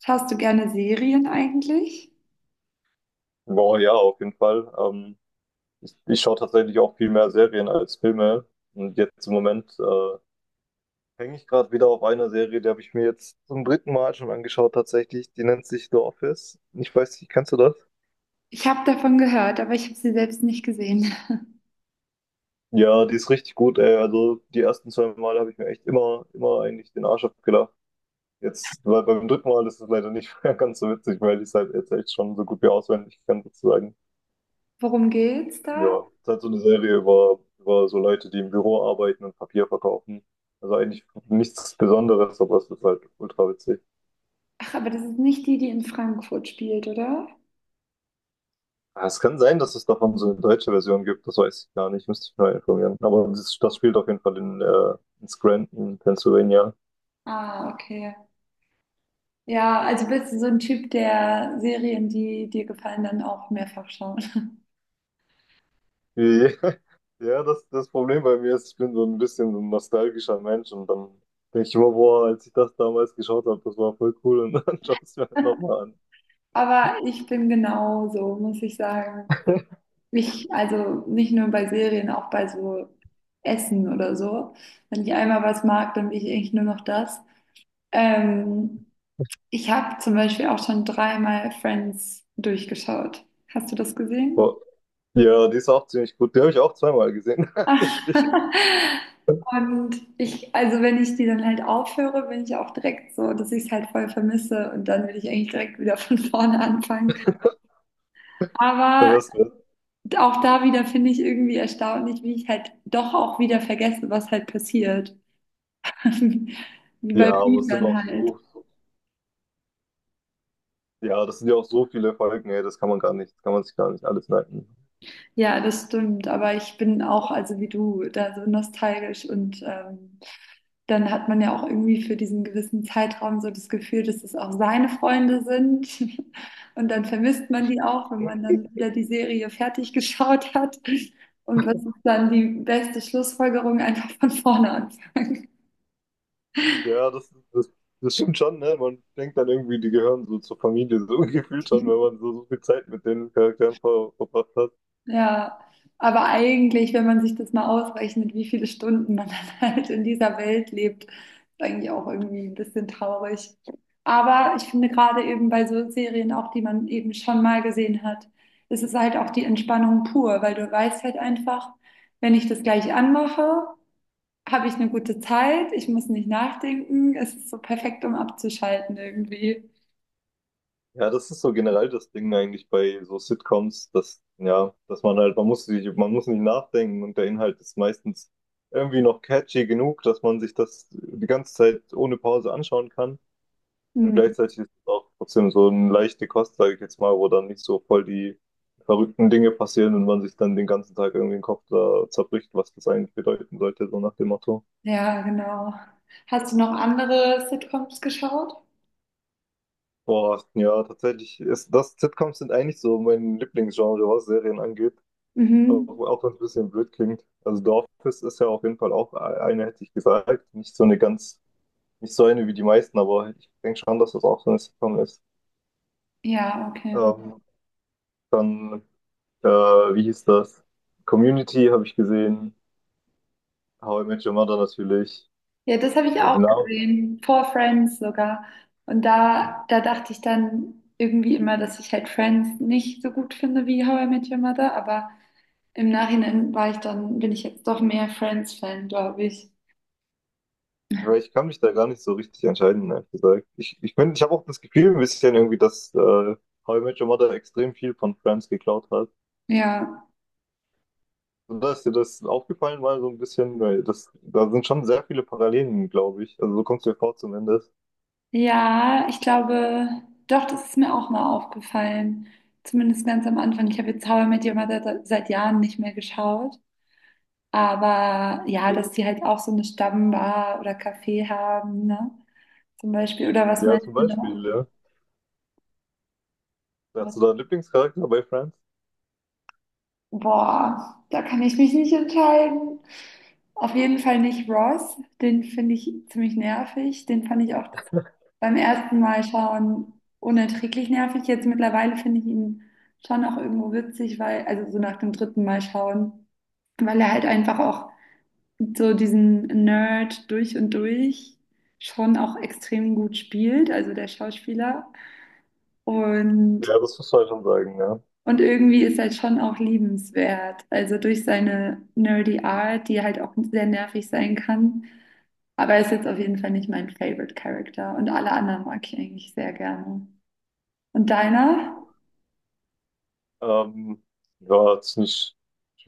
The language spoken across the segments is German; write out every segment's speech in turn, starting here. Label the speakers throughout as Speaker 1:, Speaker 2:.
Speaker 1: Schaust du gerne Serien eigentlich?
Speaker 2: Boah, ja, auf jeden Fall. Ich schaue tatsächlich auch viel mehr Serien als Filme. Und jetzt im Moment hänge ich gerade wieder auf einer Serie, die habe ich mir jetzt zum dritten Mal schon angeschaut, tatsächlich. Die nennt sich The Office. Ich weiß nicht, kennst du das?
Speaker 1: Ich habe davon gehört, aber ich habe sie selbst nicht gesehen.
Speaker 2: Ja, die ist richtig gut, ey. Also die ersten zwei Mal habe ich mir echt immer eigentlich den Arsch abgelacht. Jetzt, weil beim dritten Mal ist es leider nicht mehr ganz so witzig, weil ich es halt jetzt echt schon so gut wie auswendig kann, sozusagen.
Speaker 1: Worum geht's da?
Speaker 2: Ja, es ist halt so eine Serie über so Leute, die im Büro arbeiten und Papier verkaufen. Also eigentlich nichts Besonderes, aber es ist halt ultra witzig.
Speaker 1: Ach, aber das ist nicht die, die in Frankfurt spielt, oder?
Speaker 2: Ah, es kann sein, dass es davon so eine deutsche Version gibt, das weiß ich gar nicht, müsste ich mal informieren. Aber das spielt auf jeden Fall in Scranton, Pennsylvania.
Speaker 1: Ah, okay. Ja, also bist du so ein Typ, der Serien, die dir gefallen, dann auch mehrfach schauen.
Speaker 2: Ja, ja, das Problem bei mir ist, ich bin so ein bisschen so ein nostalgischer Mensch und dann denke ich immer, boah, als ich das damals geschaut habe, das war voll cool und dann schaue ich es mir halt nochmal an.
Speaker 1: Aber ich bin genauso, muss ich sagen. Mich, also nicht nur bei Serien, auch bei so Essen oder so. Wenn ich einmal was mag, dann will ich eigentlich nur noch das. Ähm, Ich habe zum Beispiel auch schon dreimal Friends durchgeschaut. Hast du das gesehen?
Speaker 2: Boah. Ja, die ist auch ziemlich gut. Die habe ich auch zweimal gesehen, tatsächlich.
Speaker 1: Und ich, also wenn ich die dann halt aufhöre, bin ich auch direkt so, dass ich es halt voll vermisse, und dann will ich eigentlich direkt wieder von vorne anfangen.
Speaker 2: Da
Speaker 1: Aber
Speaker 2: wär's drin.
Speaker 1: auch da wieder finde ich irgendwie erstaunlich, wie ich halt doch auch wieder vergesse, was halt passiert. Wie bei
Speaker 2: Ja, aber es sind
Speaker 1: Büchern
Speaker 2: auch
Speaker 1: halt.
Speaker 2: so, ja, das sind ja auch so viele Folgen, ey, das kann man gar nicht, das kann man sich gar nicht alles merken.
Speaker 1: Ja, das stimmt. Aber ich bin auch, also wie du, da so nostalgisch, und dann hat man ja auch irgendwie für diesen gewissen Zeitraum so das Gefühl, dass es auch seine Freunde sind. Und dann vermisst man die auch, wenn man dann wieder die Serie fertig geschaut hat. Und was ist dann die beste Schlussfolgerung? Einfach von vorne.
Speaker 2: Ja, das stimmt schon, ne? Man denkt dann irgendwie, die gehören so zur Familie, so gefühlt schon, wenn man so viel Zeit mit den Charakteren verbracht hat.
Speaker 1: Ja, aber eigentlich, wenn man sich das mal ausrechnet, wie viele Stunden man dann halt in dieser Welt lebt, ist eigentlich auch irgendwie ein bisschen traurig. Aber ich finde gerade eben bei so Serien auch, die man eben schon mal gesehen hat, ist es halt auch die Entspannung pur, weil du weißt halt einfach, wenn ich das gleich anmache, habe ich eine gute Zeit, ich muss nicht nachdenken, es ist so perfekt, um abzuschalten irgendwie.
Speaker 2: Ja, das ist so generell das Ding eigentlich bei so Sitcoms, dass, ja, dass man halt, man muss nicht nachdenken und der Inhalt ist meistens irgendwie noch catchy genug, dass man sich das die ganze Zeit ohne Pause anschauen kann. Und
Speaker 1: Hm.
Speaker 2: gleichzeitig ist es auch trotzdem so eine leichte Kost, sage ich jetzt mal, wo dann nicht so voll die verrückten Dinge passieren und man sich dann den ganzen Tag irgendwie den Kopf da zerbricht, was das eigentlich bedeuten sollte, so nach dem Motto.
Speaker 1: Ja, genau. Hast du noch andere Sitcoms geschaut?
Speaker 2: Boah, ja, tatsächlich ist das, Sitcoms sind eigentlich so mein Lieblingsgenre, was Serien angeht, auch,
Speaker 1: Mhm.
Speaker 2: auch wenn es ein bisschen blöd klingt. Also The Office ist ja auf jeden Fall auch hätte ich gesagt, nicht so eine ganz, nicht so eine wie die meisten, aber ich denke schon, dass das auch so eine Sitcom ist.
Speaker 1: Ja, okay.
Speaker 2: Ähm, dann Äh, wie hieß das? Community habe ich gesehen. How I Met Your Mother natürlich.
Speaker 1: Ja, das habe ich
Speaker 2: Aber
Speaker 1: auch
Speaker 2: die Namen,
Speaker 1: gesehen, vor Friends sogar. Und da, da dachte ich dann irgendwie immer, dass ich halt Friends nicht so gut finde wie How I Met Your Mother, aber im Nachhinein war ich dann, bin ich jetzt doch mehr Friends-Fan, glaube ich.
Speaker 2: weil ich kann mich da gar nicht so richtig entscheiden, ehrlich gesagt. Ich habe auch das Gefühl ein bisschen irgendwie, dass How I Met Your Mother extrem viel von Friends geklaut hat.
Speaker 1: Ja.
Speaker 2: Und da ist dir das aufgefallen mal so ein bisschen, weil da sind schon sehr viele Parallelen, glaube ich. Also so kommst du mir vor zumindest.
Speaker 1: Ja, ich glaube, doch, das ist mir auch mal aufgefallen. Zumindest ganz am Anfang. Ich habe jetzt How I Met Your Mother seit Jahren nicht mehr geschaut. Aber ja, dass die halt auch so eine Stammbar oder Café haben, ne? Zum Beispiel. Oder was
Speaker 2: Ja, zum
Speaker 1: meinst du noch?
Speaker 2: Beispiel, ja. Hast
Speaker 1: Was-
Speaker 2: du da einen Lieblingscharakter bei Friends?
Speaker 1: Boah, da kann ich mich nicht entscheiden. Auf jeden Fall nicht Ross. Den finde ich ziemlich nervig. Den fand ich auch beim ersten Mal schauen unerträglich nervig. Jetzt mittlerweile finde ich ihn schon auch irgendwo witzig, weil, also so nach dem dritten Mal schauen, weil er halt einfach auch so diesen Nerd durch und durch schon auch extrem gut spielt, also der Schauspieler. Und
Speaker 2: Ja, das musst du halt schon sagen, ja.
Speaker 1: Und irgendwie ist halt schon auch liebenswert. Also durch seine nerdy Art, die halt auch sehr nervig sein kann. Aber er ist jetzt auf jeden Fall nicht mein Favorite Character. Und alle anderen mag ich eigentlich sehr gerne. Und deiner?
Speaker 2: Ähm, ja, das ist eine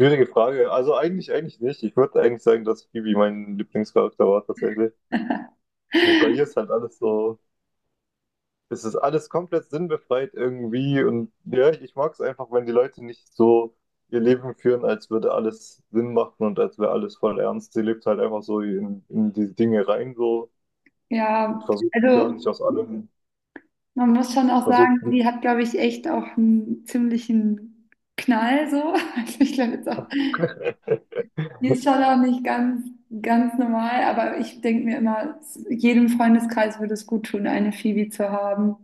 Speaker 2: schwierige Frage. Also eigentlich nicht. Ich würde eigentlich sagen, dass Phoebe mein Lieblingscharakter war tatsächlich. Also bei ihr ist halt alles so, es ist alles komplett sinnbefreit irgendwie. Und ja, ich mag es einfach, wenn die Leute nicht so ihr Leben führen, als würde alles Sinn machen und als wäre alles voll ernst. Sie lebt halt einfach so in die Dinge rein so und
Speaker 1: Ja,
Speaker 2: versucht gar nicht
Speaker 1: also
Speaker 2: aus allem,
Speaker 1: man muss schon auch sagen,
Speaker 2: versucht.
Speaker 1: sie hat, glaube ich, echt auch einen ziemlichen Knall so. Also ich glaube jetzt auch, die ist schon auch nicht ganz normal, aber ich denke mir immer, jedem Freundeskreis würde es gut tun, eine Phoebe zu haben.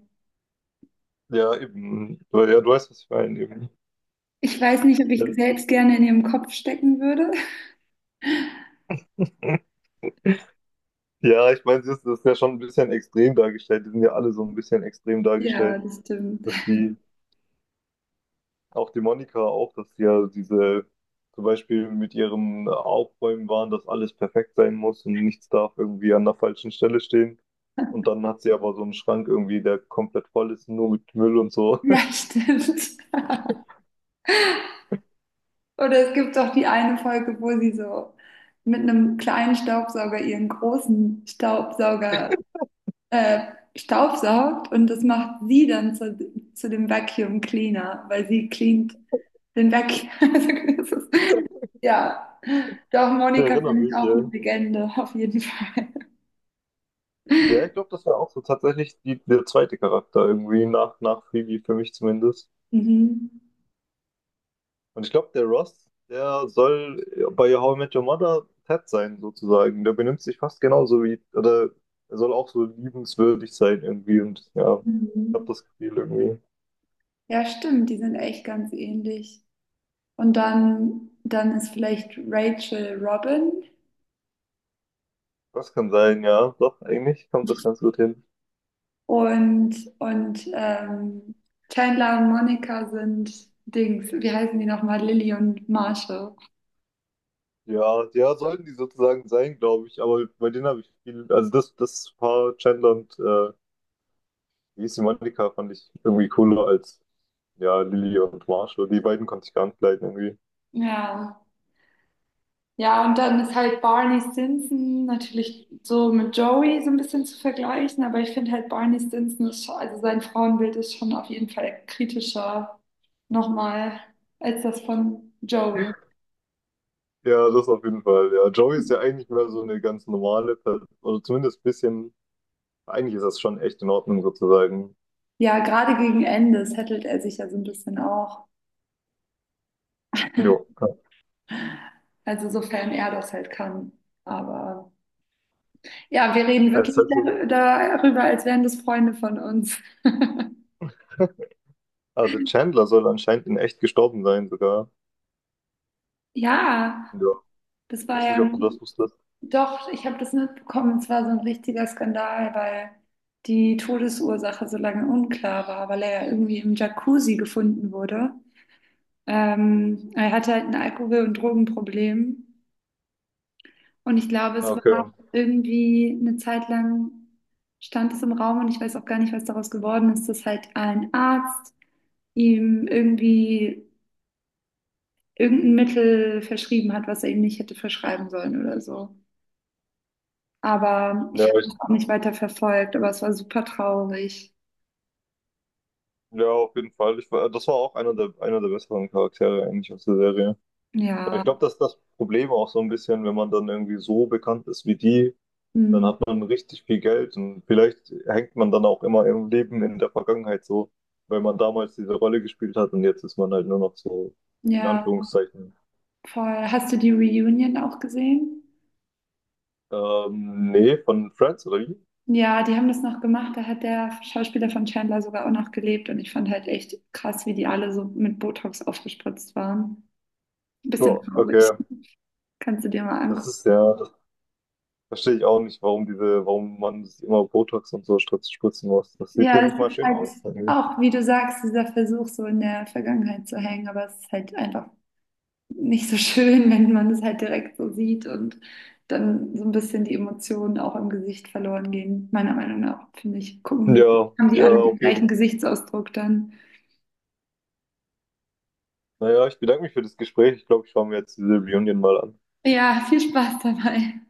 Speaker 2: Ja, eben. Ja, du weißt, was ich meine, eben.
Speaker 1: Ich weiß nicht, ob ich selbst gerne in ihrem Kopf stecken würde.
Speaker 2: Ja. Ja, ich meine, das ist ja schon ein bisschen extrem dargestellt. Die sind ja alle so ein bisschen extrem
Speaker 1: Ja,
Speaker 2: dargestellt,
Speaker 1: das stimmt.
Speaker 2: dass die, auch die Monika auch, dass die ja diese, zum Beispiel mit ihrem Aufräumen waren, dass alles perfekt sein muss und nichts darf irgendwie an der falschen Stelle stehen. Und dann hat sie aber so einen Schrank irgendwie, der komplett voll ist, nur mit Müll und so.
Speaker 1: Ja, stimmt. Oder es gibt doch die eine Folge, wo sie so mit einem kleinen Staubsauger ihren großen Staubsauger staubsaugt, und das macht sie dann zu dem Vacuum Cleaner, weil sie cleant den Vacuum. Also das ist- Ja, doch,
Speaker 2: Ich
Speaker 1: Monika
Speaker 2: erinnere
Speaker 1: finde ich
Speaker 2: mich,
Speaker 1: auch eine
Speaker 2: ja.
Speaker 1: Legende, auf jeden Fall.
Speaker 2: Ja, ich glaube, das war auch so tatsächlich die, der zweite Charakter irgendwie, nach Phoebe, für mich zumindest.
Speaker 1: Mhm.
Speaker 2: Und ich glaube, der Ross, der soll bei How I Met Your Mother Ted sein, sozusagen. Der benimmt sich fast genauso wie, oder er soll auch so liebenswürdig sein irgendwie. Und ja, ich habe
Speaker 1: Mhm.
Speaker 2: das Gefühl irgendwie.
Speaker 1: Ja, stimmt, die sind echt ganz ähnlich. Und dann ist vielleicht Rachel Robin
Speaker 2: Das kann sein, ja. Doch, eigentlich kommt das ganz gut hin.
Speaker 1: und, und Chandler und Monica sind Dings. Wie heißen die nochmal? Lily und Marshall.
Speaker 2: Ja, ja, sollten die sozusagen sein, glaube ich. Aber bei denen habe ich viel, also das Paar Chandler und wie hieß die Monika fand ich irgendwie cooler als ja, Lily und Marshall. Die beiden konnte ich gar nicht leiden irgendwie.
Speaker 1: Ja. Ja, und dann ist halt Barney Stinson natürlich so mit Joey so ein bisschen zu vergleichen, aber ich finde halt Barney Stinson ist schon, also sein Frauenbild ist schon auf jeden Fall kritischer nochmal als das von Joey.
Speaker 2: Ja, das auf jeden Fall. Ja, Joey ist ja eigentlich mehr so eine ganz normale Person, oder zumindest ein bisschen, eigentlich ist das schon echt in Ordnung sozusagen.
Speaker 1: Ja, gerade gegen Ende settelt er sich ja so ein bisschen auch.
Speaker 2: Jo.
Speaker 1: Also sofern er das halt kann. Aber ja, wir reden
Speaker 2: Das ist
Speaker 1: wirklich
Speaker 2: halt so.
Speaker 1: darüber, als wären das Freunde von uns.
Speaker 2: Ah, der Chandler soll anscheinend in echt gestorben sein sogar.
Speaker 1: Ja,
Speaker 2: Ja.
Speaker 1: das
Speaker 2: Ich
Speaker 1: war
Speaker 2: weiß
Speaker 1: ja
Speaker 2: nicht, ob du das
Speaker 1: ein,
Speaker 2: wusstest.
Speaker 1: doch, ich habe das mitbekommen, es war so ein richtiger Skandal, weil die Todesursache so lange unklar war, weil er ja irgendwie im Jacuzzi gefunden wurde. Er hatte halt ein Alkohol- und Drogenproblem. Und ich glaube,
Speaker 2: Ah,
Speaker 1: es
Speaker 2: okay.
Speaker 1: war irgendwie eine Zeit lang stand es im Raum, und ich weiß auch gar nicht, was daraus geworden ist, dass halt ein Arzt ihm irgendwie irgendein Mittel verschrieben hat, was er ihm nicht hätte verschreiben sollen oder so. Aber
Speaker 2: Ja,
Speaker 1: ich habe
Speaker 2: ich,
Speaker 1: das auch nicht weiter verfolgt, aber es war super traurig.
Speaker 2: ja, auf jeden Fall. Ich, das war auch einer der besseren Charaktere eigentlich aus der Serie. Ja,
Speaker 1: Ja,
Speaker 2: ich glaube, das ist das Problem auch so ein bisschen, wenn man dann irgendwie so bekannt ist wie die, dann
Speaker 1: mm,
Speaker 2: hat man richtig viel Geld und vielleicht hängt man dann auch immer im Leben in der Vergangenheit so, weil man damals diese Rolle gespielt hat und jetzt ist man halt nur noch so, in
Speaker 1: ja,
Speaker 2: Anführungszeichen.
Speaker 1: voll. Hast du die Reunion auch gesehen?
Speaker 2: Nee, von Friends oder wie?
Speaker 1: Ja, die haben das noch gemacht. Da hat der Schauspieler von Chandler sogar auch noch gelebt. Und ich fand halt echt krass, wie die alle so mit Botox aufgespritzt waren. Ein
Speaker 2: Ja,
Speaker 1: bisschen
Speaker 2: okay.
Speaker 1: traurig. Kannst du dir mal
Speaker 2: Das
Speaker 1: angucken.
Speaker 2: ist ja, das verstehe ich auch nicht, warum diese, warum man sich immer Botox und so spritzen muss. Das sieht
Speaker 1: Ja,
Speaker 2: ja
Speaker 1: es
Speaker 2: nicht mal
Speaker 1: ist
Speaker 2: schön
Speaker 1: halt
Speaker 2: aus eigentlich.
Speaker 1: auch, wie du sagst, dieser Versuch, so in der Vergangenheit zu hängen. Aber es ist halt einfach nicht so schön, wenn man es halt direkt so sieht, und dann so ein bisschen die Emotionen auch im Gesicht verloren gehen. Meiner Meinung nach, finde ich, gucken die,
Speaker 2: Ja,
Speaker 1: haben die
Speaker 2: ja,
Speaker 1: alle den
Speaker 2: auf jeden
Speaker 1: gleichen
Speaker 2: Fall.
Speaker 1: Gesichtsausdruck dann.
Speaker 2: Naja, ich bedanke mich für das Gespräch. Ich glaube, ich schaue mir jetzt diese Reunion mal an.
Speaker 1: Ja, viel Spaß dabei.